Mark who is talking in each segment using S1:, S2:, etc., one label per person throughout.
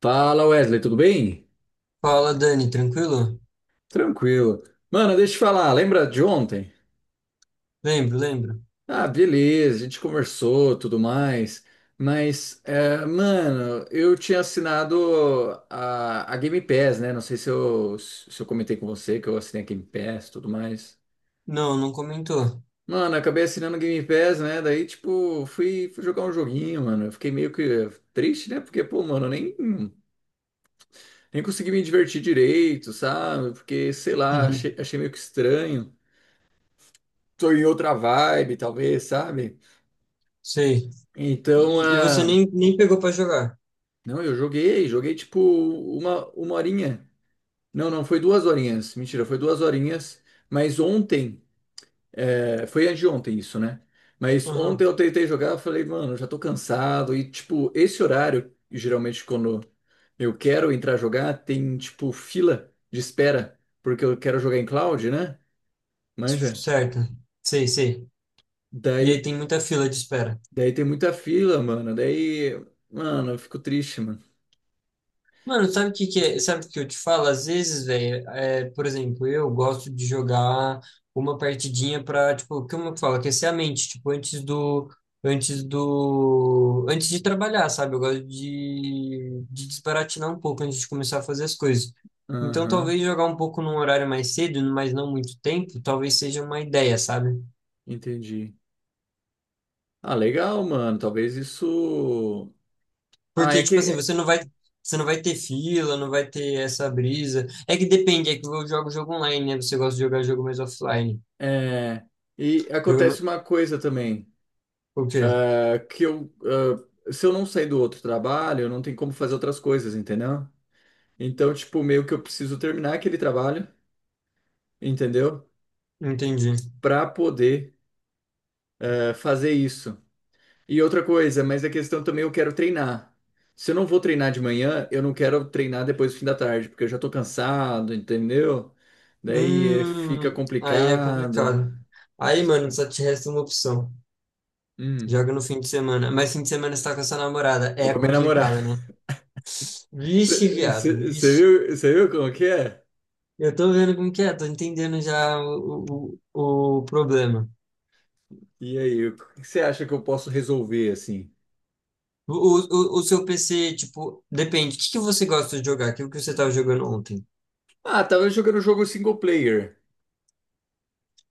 S1: Fala Wesley, tudo bem?
S2: Fala, Dani, tranquilo?
S1: Tranquilo. Mano, deixa eu te falar, lembra de ontem?
S2: Lembro, lembro.
S1: Ah, beleza, a gente conversou, tudo mais, mas, mano, eu tinha assinado a Game Pass, né? Não sei se eu comentei com você que eu assinei a Game Pass, tudo mais.
S2: Não, não comentou.
S1: Mano, acabei assinando a Game Pass, né? Daí, tipo, fui jogar um joguinho, mano. Eu fiquei meio que triste, né? Porque, pô, mano, eu nem, nem consegui me divertir direito, sabe? Porque, sei lá,
S2: Uhum.
S1: achei meio que estranho. Tô em outra vibe, talvez, sabe?
S2: Sei.
S1: Então,
S2: E você
S1: ah,
S2: nem pegou pra jogar.
S1: não, eu joguei, joguei tipo uma horinha. Não, não, foi duas horinhas. Mentira, foi duas horinhas. Mas ontem, é, foi anteontem isso, né? Mas ontem
S2: Aham.
S1: eu tentei jogar, eu falei, mano, já tô cansado. E, tipo, esse horário, geralmente quando eu quero entrar jogar, tem, tipo, fila de espera, porque eu quero jogar em cloud, né? Manja.
S2: Certo. Sei, sei. E
S1: Daí,
S2: aí tem muita fila de espera.
S1: daí tem muita fila, mano. Daí, mano, eu fico triste, mano.
S2: Mano, sabe o que que é? Sabe o que eu te falo? Às vezes, velho, por exemplo, eu gosto de jogar uma partidinha pra, tipo, como eu falo, aquecer a mente, tipo, antes de trabalhar, sabe? Eu gosto de desbaratinar um pouco antes de começar a fazer as coisas. Então,
S1: Aham,
S2: talvez jogar um pouco num horário mais cedo, mas não muito tempo, talvez seja uma ideia, sabe?
S1: entendi. Ah, legal, mano. Talvez isso. Ah, é
S2: Porque, tipo assim,
S1: que.
S2: você não vai ter fila, não vai ter essa brisa. É que depende, é que eu jogo jogo online, né? Você gosta de jogar jogo mais offline.
S1: É... E
S2: Jogo no-
S1: acontece uma coisa também,
S2: O quê?
S1: é que eu, ah, se eu não sair do outro trabalho, eu não tenho como fazer outras coisas, entendeu? Então, tipo, meio que eu preciso terminar aquele trabalho, entendeu?
S2: Entendi.
S1: Pra poder, fazer isso. E outra coisa, mas a questão também eu quero treinar. Se eu não vou treinar de manhã, eu não quero treinar depois do fim da tarde, porque eu já tô cansado, entendeu? Daí fica
S2: Aí é
S1: complicado.
S2: complicado. Aí, mano, só te resta uma opção.
S1: Hum,
S2: Joga no fim de semana. Mas fim de semana você tá com a sua namorada.
S1: tô
S2: É
S1: com a minha namorada.
S2: complicado, né? Vixe, viado,
S1: Você
S2: vixe.
S1: viu, cê viu como que é?
S2: Eu tô vendo como que é, tô entendendo já o problema.
S1: E aí, o que você acha que eu posso resolver assim?
S2: O seu PC, tipo, depende. O que que você gosta de jogar? Aquilo que você estava jogando ontem.
S1: Ah, tava jogando jogo single player,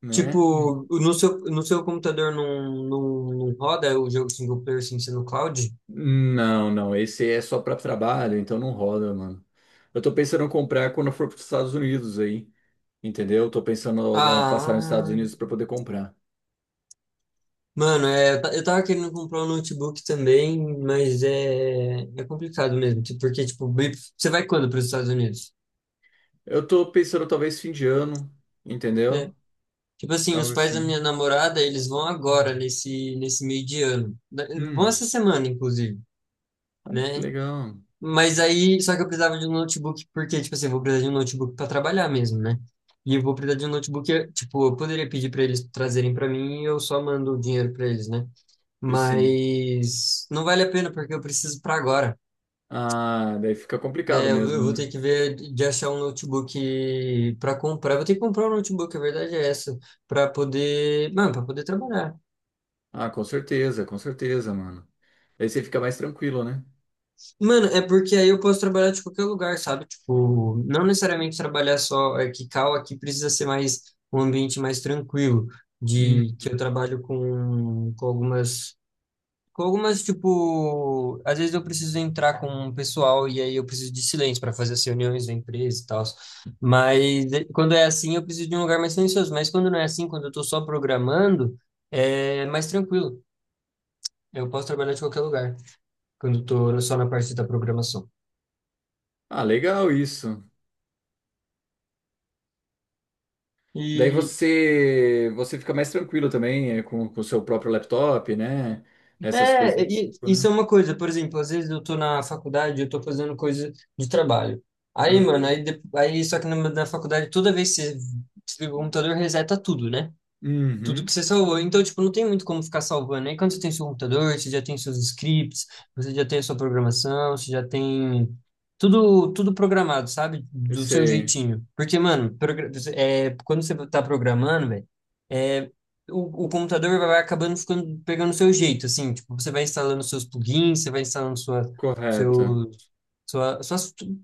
S1: né?
S2: Tipo, no seu computador não roda o jogo single player sem ser no cloud?
S1: Não, não, esse é só pra trabalho, então não roda, mano. Eu tô pensando em comprar quando eu for pros Estados Unidos aí. Entendeu? Tô pensando em dar uma passada nos Estados
S2: Ah,
S1: Unidos para poder comprar.
S2: mano, é, eu tava querendo comprar um notebook também, mas é complicado mesmo. Porque, tipo, você vai quando para os Estados Unidos?
S1: Eu tô pensando talvez fim de ano,
S2: É.
S1: entendeu?
S2: Tipo assim, os
S1: Algo
S2: pais da
S1: assim.
S2: minha namorada, eles vão agora, nesse meio de ano. Vão
S1: Hum,
S2: essa semana, inclusive,
S1: ah, que
S2: né?
S1: legal.
S2: Mas aí, só que eu precisava de um notebook, porque, tipo assim, eu vou precisar de um notebook para trabalhar mesmo, né? E eu vou precisar de um notebook, tipo, eu poderia pedir para eles trazerem para mim e eu só mando o dinheiro para eles, né?
S1: E sim.
S2: Mas não vale a pena, porque eu preciso para agora.
S1: Ah, daí fica complicado
S2: É,
S1: mesmo,
S2: eu vou
S1: né?
S2: ter que ver de achar um notebook para comprar. Eu vou ter que comprar um notebook, a verdade é essa, para poder, mano, para poder trabalhar.
S1: Ah, com certeza, mano. Daí você fica mais tranquilo, né?
S2: Mano, é porque aí eu posso trabalhar de qualquer lugar, sabe? Tipo, não necessariamente trabalhar só aqui, aqui precisa ser mais um ambiente mais tranquilo,
S1: Hum.
S2: de que eu trabalho com algumas, tipo, às vezes eu preciso entrar com um pessoal e aí eu preciso de silêncio para fazer as reuniões da empresa e tal. Mas quando é assim, eu preciso de um lugar mais silencioso. Mas quando não é assim, quando eu tô só programando, é mais tranquilo. Eu posso trabalhar de qualquer lugar, quando eu tô só na parte da programação.
S1: Ah, legal isso. Daí
S2: E,
S1: você fica mais tranquilo também é, com o seu próprio laptop, né? Essas coisas
S2: É,
S1: do tipo,
S2: isso
S1: né?
S2: é uma coisa, por exemplo, às vezes eu tô na faculdade, eu tô fazendo coisa de trabalho. Aí,
S1: Ah,
S2: mano, aí só que na faculdade, toda vez que você desliga o computador, reseta tudo, né? Tudo que
S1: Uhum,
S2: você salvou. Então, tipo, não tem muito como ficar salvando. Aí quando você tem seu computador, você já tem seus scripts, você já tem a sua programação, você já tem tudo, tudo programado, sabe?
S1: eu
S2: Do seu
S1: sei.
S2: jeitinho. Porque, mano, quando você tá programando, velho, é, o computador vai acabando ficando, pegando o seu jeito, assim. Tipo, você vai instalando seus plugins, você vai instalando
S1: Correto.
S2: seus sua, sua,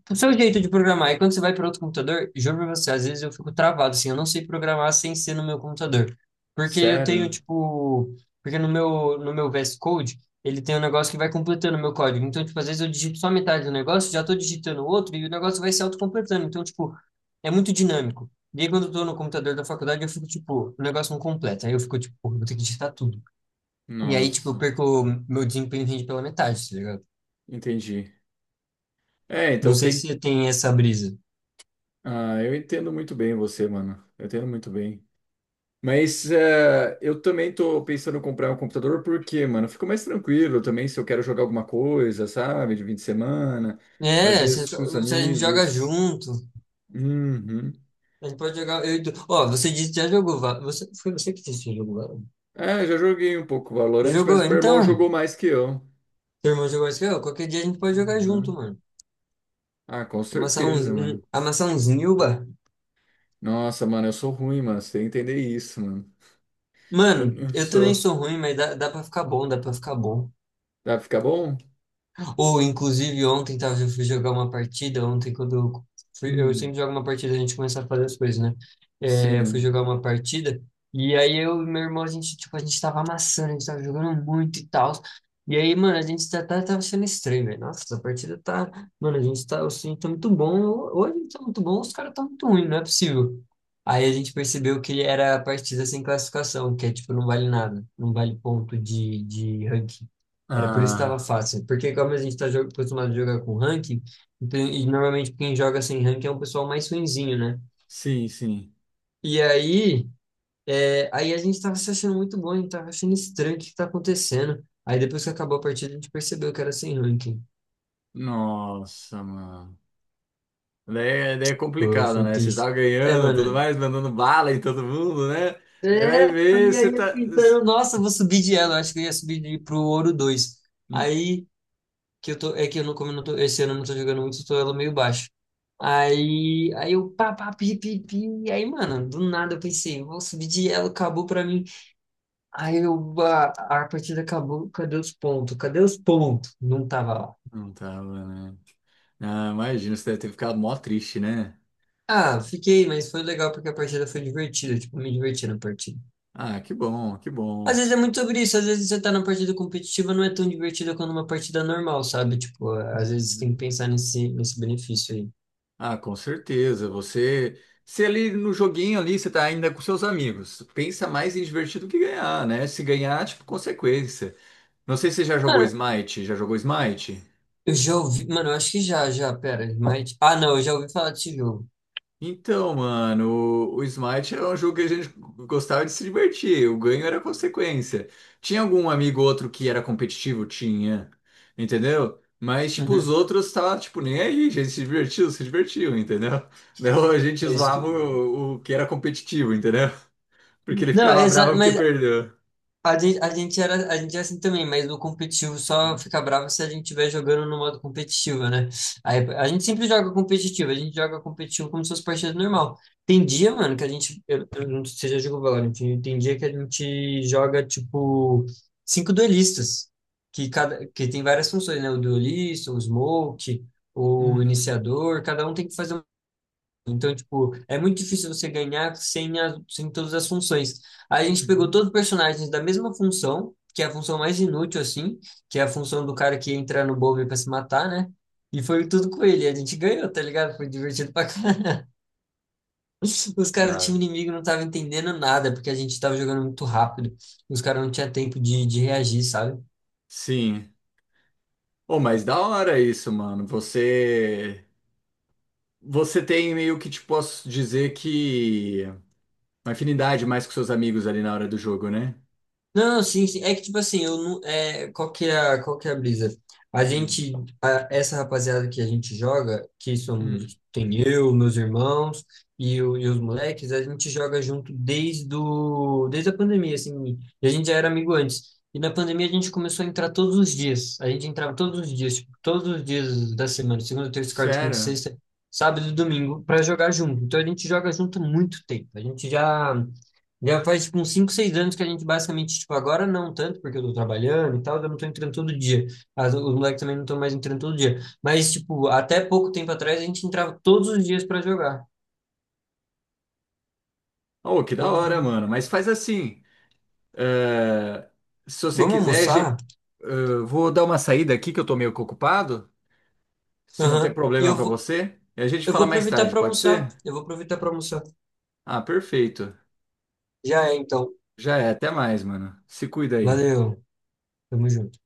S2: o seu jeito de programar. E quando você vai para outro computador, juro pra você, às vezes eu fico travado, assim, eu não sei programar sem ser no meu computador. Porque eu tenho,
S1: Sério?
S2: tipo, porque no meu VS Code, ele tem um negócio que vai completando o meu código. Então, tipo, às vezes eu digito só metade do negócio, já tô digitando outro e o negócio vai se autocompletando. Então, tipo, é muito dinâmico. E aí, quando eu tô no computador da faculdade, eu fico, tipo, o negócio não completa. Aí eu fico, tipo, pô, eu vou ter que digitar tudo. E aí, tipo, eu
S1: Nossa,
S2: perco, meu desempenho rende pela metade, tá ligado?
S1: entendi. É,
S2: Não
S1: então
S2: sei
S1: tem.
S2: se tem essa brisa.
S1: Ah, eu entendo muito bem você, mano. Eu entendo muito bem. Mas eu também tô pensando em comprar um computador porque, mano, eu fico mais tranquilo também se eu quero jogar alguma coisa, sabe? De fim de semana, às
S2: É,
S1: vezes com os
S2: se a gente joga
S1: amigos.
S2: junto,
S1: Uhum.
S2: a gente pode jogar. Ó, você disse que já jogou. Foi você que disse que jogou. Valorant?
S1: É, já joguei um pouco
S2: Você
S1: Valorant,
S2: jogou?
S1: mas meu irmão
S2: Então,
S1: jogou mais que eu.
S2: teu irmão jogou isso aqui, ó. Qualquer dia a gente pode jogar junto,
S1: Uhum.
S2: mano.
S1: Ah, com
S2: Amassar
S1: certeza, mano.
S2: amassar uns Nilba.
S1: Nossa, mano, eu sou ruim, mano. Você tem que entender isso, mano.
S2: Mano,
S1: Eu
S2: eu também
S1: sou.
S2: sou ruim, mas dá pra ficar bom, dá pra ficar bom.
S1: Dá pra ficar bom?
S2: Ou, inclusive, ontem, tá, eu fui jogar uma partida, ontem quando eu fui, eu sempre
S1: Hum.
S2: jogo uma partida, a gente começa a fazer as coisas, né? É, eu fui
S1: Sim.
S2: jogar uma partida, e aí eu e meu irmão, a gente, tipo, a gente tava amassando, a gente tava jogando muito e tal. E aí, mano, a gente tá, tá, tava sendo estranho, velho. Nossa, essa partida tá. Mano, a gente tá, assim, tá muito bom. Ou a gente tá muito bom, ou os caras tá muito ruim, não é possível. Aí a gente percebeu que era a partida sem classificação, que é tipo, não vale nada, não vale ponto de ranking. Era por isso que estava
S1: Ah,
S2: fácil. Porque como a gente está acostumado a jogar com ranking, então, e normalmente quem joga sem ranking é um pessoal mais ruinzinho, né?
S1: sim, sim.
S2: E aí, aí a gente estava se achando muito bom, a gente estava achando estranho o que está acontecendo. Aí depois que acabou a partida, a gente percebeu que era sem ranking.
S1: Nossa, mano. Daí, daí é
S2: Foi,
S1: complicado,
S2: foi
S1: né? Vocês
S2: triste.
S1: estavam
S2: É,
S1: ganhando, tudo
S2: mano.
S1: mais, mandando bala em todo mundo, né? Daí vai
S2: É,
S1: ver,
S2: e
S1: você
S2: aí eu
S1: tá.
S2: tentando, nossa, eu vou subir de elo. Acho que eu ia pro ouro dois.
S1: Hum,
S2: Aí que eu tô, é que eu não, como eu não tô, esse ano eu não tô jogando muito, eu tô elo meio baixo. Aí eu pá, pá, pi, pi, pi. Aí, mano, do nada eu pensei, vou subir de elo, acabou pra mim. Aí eu, a, a partida acabou, cadê os pontos? Cadê os pontos? Não tava lá.
S1: Não tava, né? Ah, imagina, você deve ter ficado mó triste, né?
S2: Ah, fiquei, mas foi legal porque a partida foi divertida, tipo, me diverti na partida.
S1: Ah, que bom, que
S2: Às
S1: bom.
S2: vezes é muito sobre isso, às vezes você tá na partida competitiva, não é tão divertida quanto uma partida normal, sabe? Tipo, às vezes tem
S1: Uhum.
S2: que pensar nesse benefício aí.
S1: Ah, com certeza. Você, se ali no joguinho ali, você tá ainda com seus amigos, pensa mais em divertir do que ganhar, né? Se ganhar, tipo, consequência. Não sei se você já jogou
S2: Mano,
S1: Smite. Já jogou Smite?
S2: eu já ouvi, mano, eu acho que já, pera, mas... Ah, não, eu já ouvi falar desse jogo.
S1: Então, mano, o Smite era um jogo que a gente gostava de se divertir, o ganho era consequência. Tinha algum amigo ou outro que era competitivo? Tinha, entendeu? Mas, tipo, os
S2: Uhum.
S1: outros tava, tipo, nem aí, a gente se divertiu, se divertiu, entendeu? Não, a gente
S2: É isso
S1: zoava
S2: que-
S1: o que era competitivo, entendeu? Porque ele
S2: Não,
S1: ficava bravo
S2: exato,
S1: porque
S2: mas
S1: perdeu.
S2: a gente é assim também, mas no competitivo só fica bravo se a gente estiver jogando no modo competitivo, né? Aí, a gente sempre joga competitivo, a gente joga competitivo como se fosse partida normal. Tem dia, mano, que a gente, eu não sei se você já jogou Valorant, tem dia que a gente joga, tipo, cinco duelistas, que tem várias funções, né? O duelista, o smoke, o
S1: Uhum,
S2: iniciador, cada um tem que fazer. Então, tipo, é muito difícil você ganhar sem, sem todas as funções. A gente pegou
S1: uhum.
S2: todos os personagens da mesma função, que é a função mais inútil, assim, que é a função do cara que entra no bombe pra se matar, né? E foi tudo com ele. A gente ganhou, tá ligado? Foi divertido pra caralho. Os caras do time
S1: Dá.
S2: inimigo não estavam entendendo nada, porque a gente tava jogando muito rápido. Os caras não tinham tempo de reagir, sabe?
S1: Sim. Oh, mas da hora isso, mano. Você. Você tem meio que, tipo, posso dizer que. Uma afinidade mais com seus amigos ali na hora do jogo, né?
S2: Não, sim, sim. É que, tipo assim, eu não. É, qual que é a brisa? A
S1: Hum,
S2: gente, essa rapaziada que a gente joga, que
S1: hum.
S2: somos, tem eu, meus irmãos e os moleques, a gente joga junto desde, o, desde a pandemia, assim. E a gente já era amigo antes. E na pandemia a gente começou a entrar todos os dias. A gente entrava todos os dias, tipo, todos os dias da semana, segunda, terça, quarta, quinta,
S1: Sério?
S2: sexta, sábado e domingo, pra jogar junto. Então a gente joga junto há muito tempo. A gente já. Já faz, tipo, uns 5 6 anos que a gente basicamente, tipo, agora não tanto, porque eu tô trabalhando e tal, eu não tô entrando todo dia. Os moleques também não estão mais entrando todo dia. Mas, tipo, até pouco tempo atrás a gente entrava todos os dias pra jogar.
S1: Oh, que da
S2: Todos...
S1: hora,
S2: os-
S1: mano. Mas faz assim. eh, Se você
S2: Vamos
S1: quiser,
S2: almoçar?
S1: vou dar uma saída aqui que eu tô meio que ocupado. Se não tem
S2: Aham.
S1: problema pra você, e a gente
S2: Eu
S1: fala
S2: vou
S1: mais
S2: aproveitar
S1: tarde,
S2: pra
S1: pode
S2: almoçar.
S1: ser?
S2: Eu vou aproveitar pra almoçar.
S1: Ah, perfeito.
S2: Já é, então.
S1: Já é. Até mais, mano. Se cuida aí.
S2: Valeu. Tamo junto.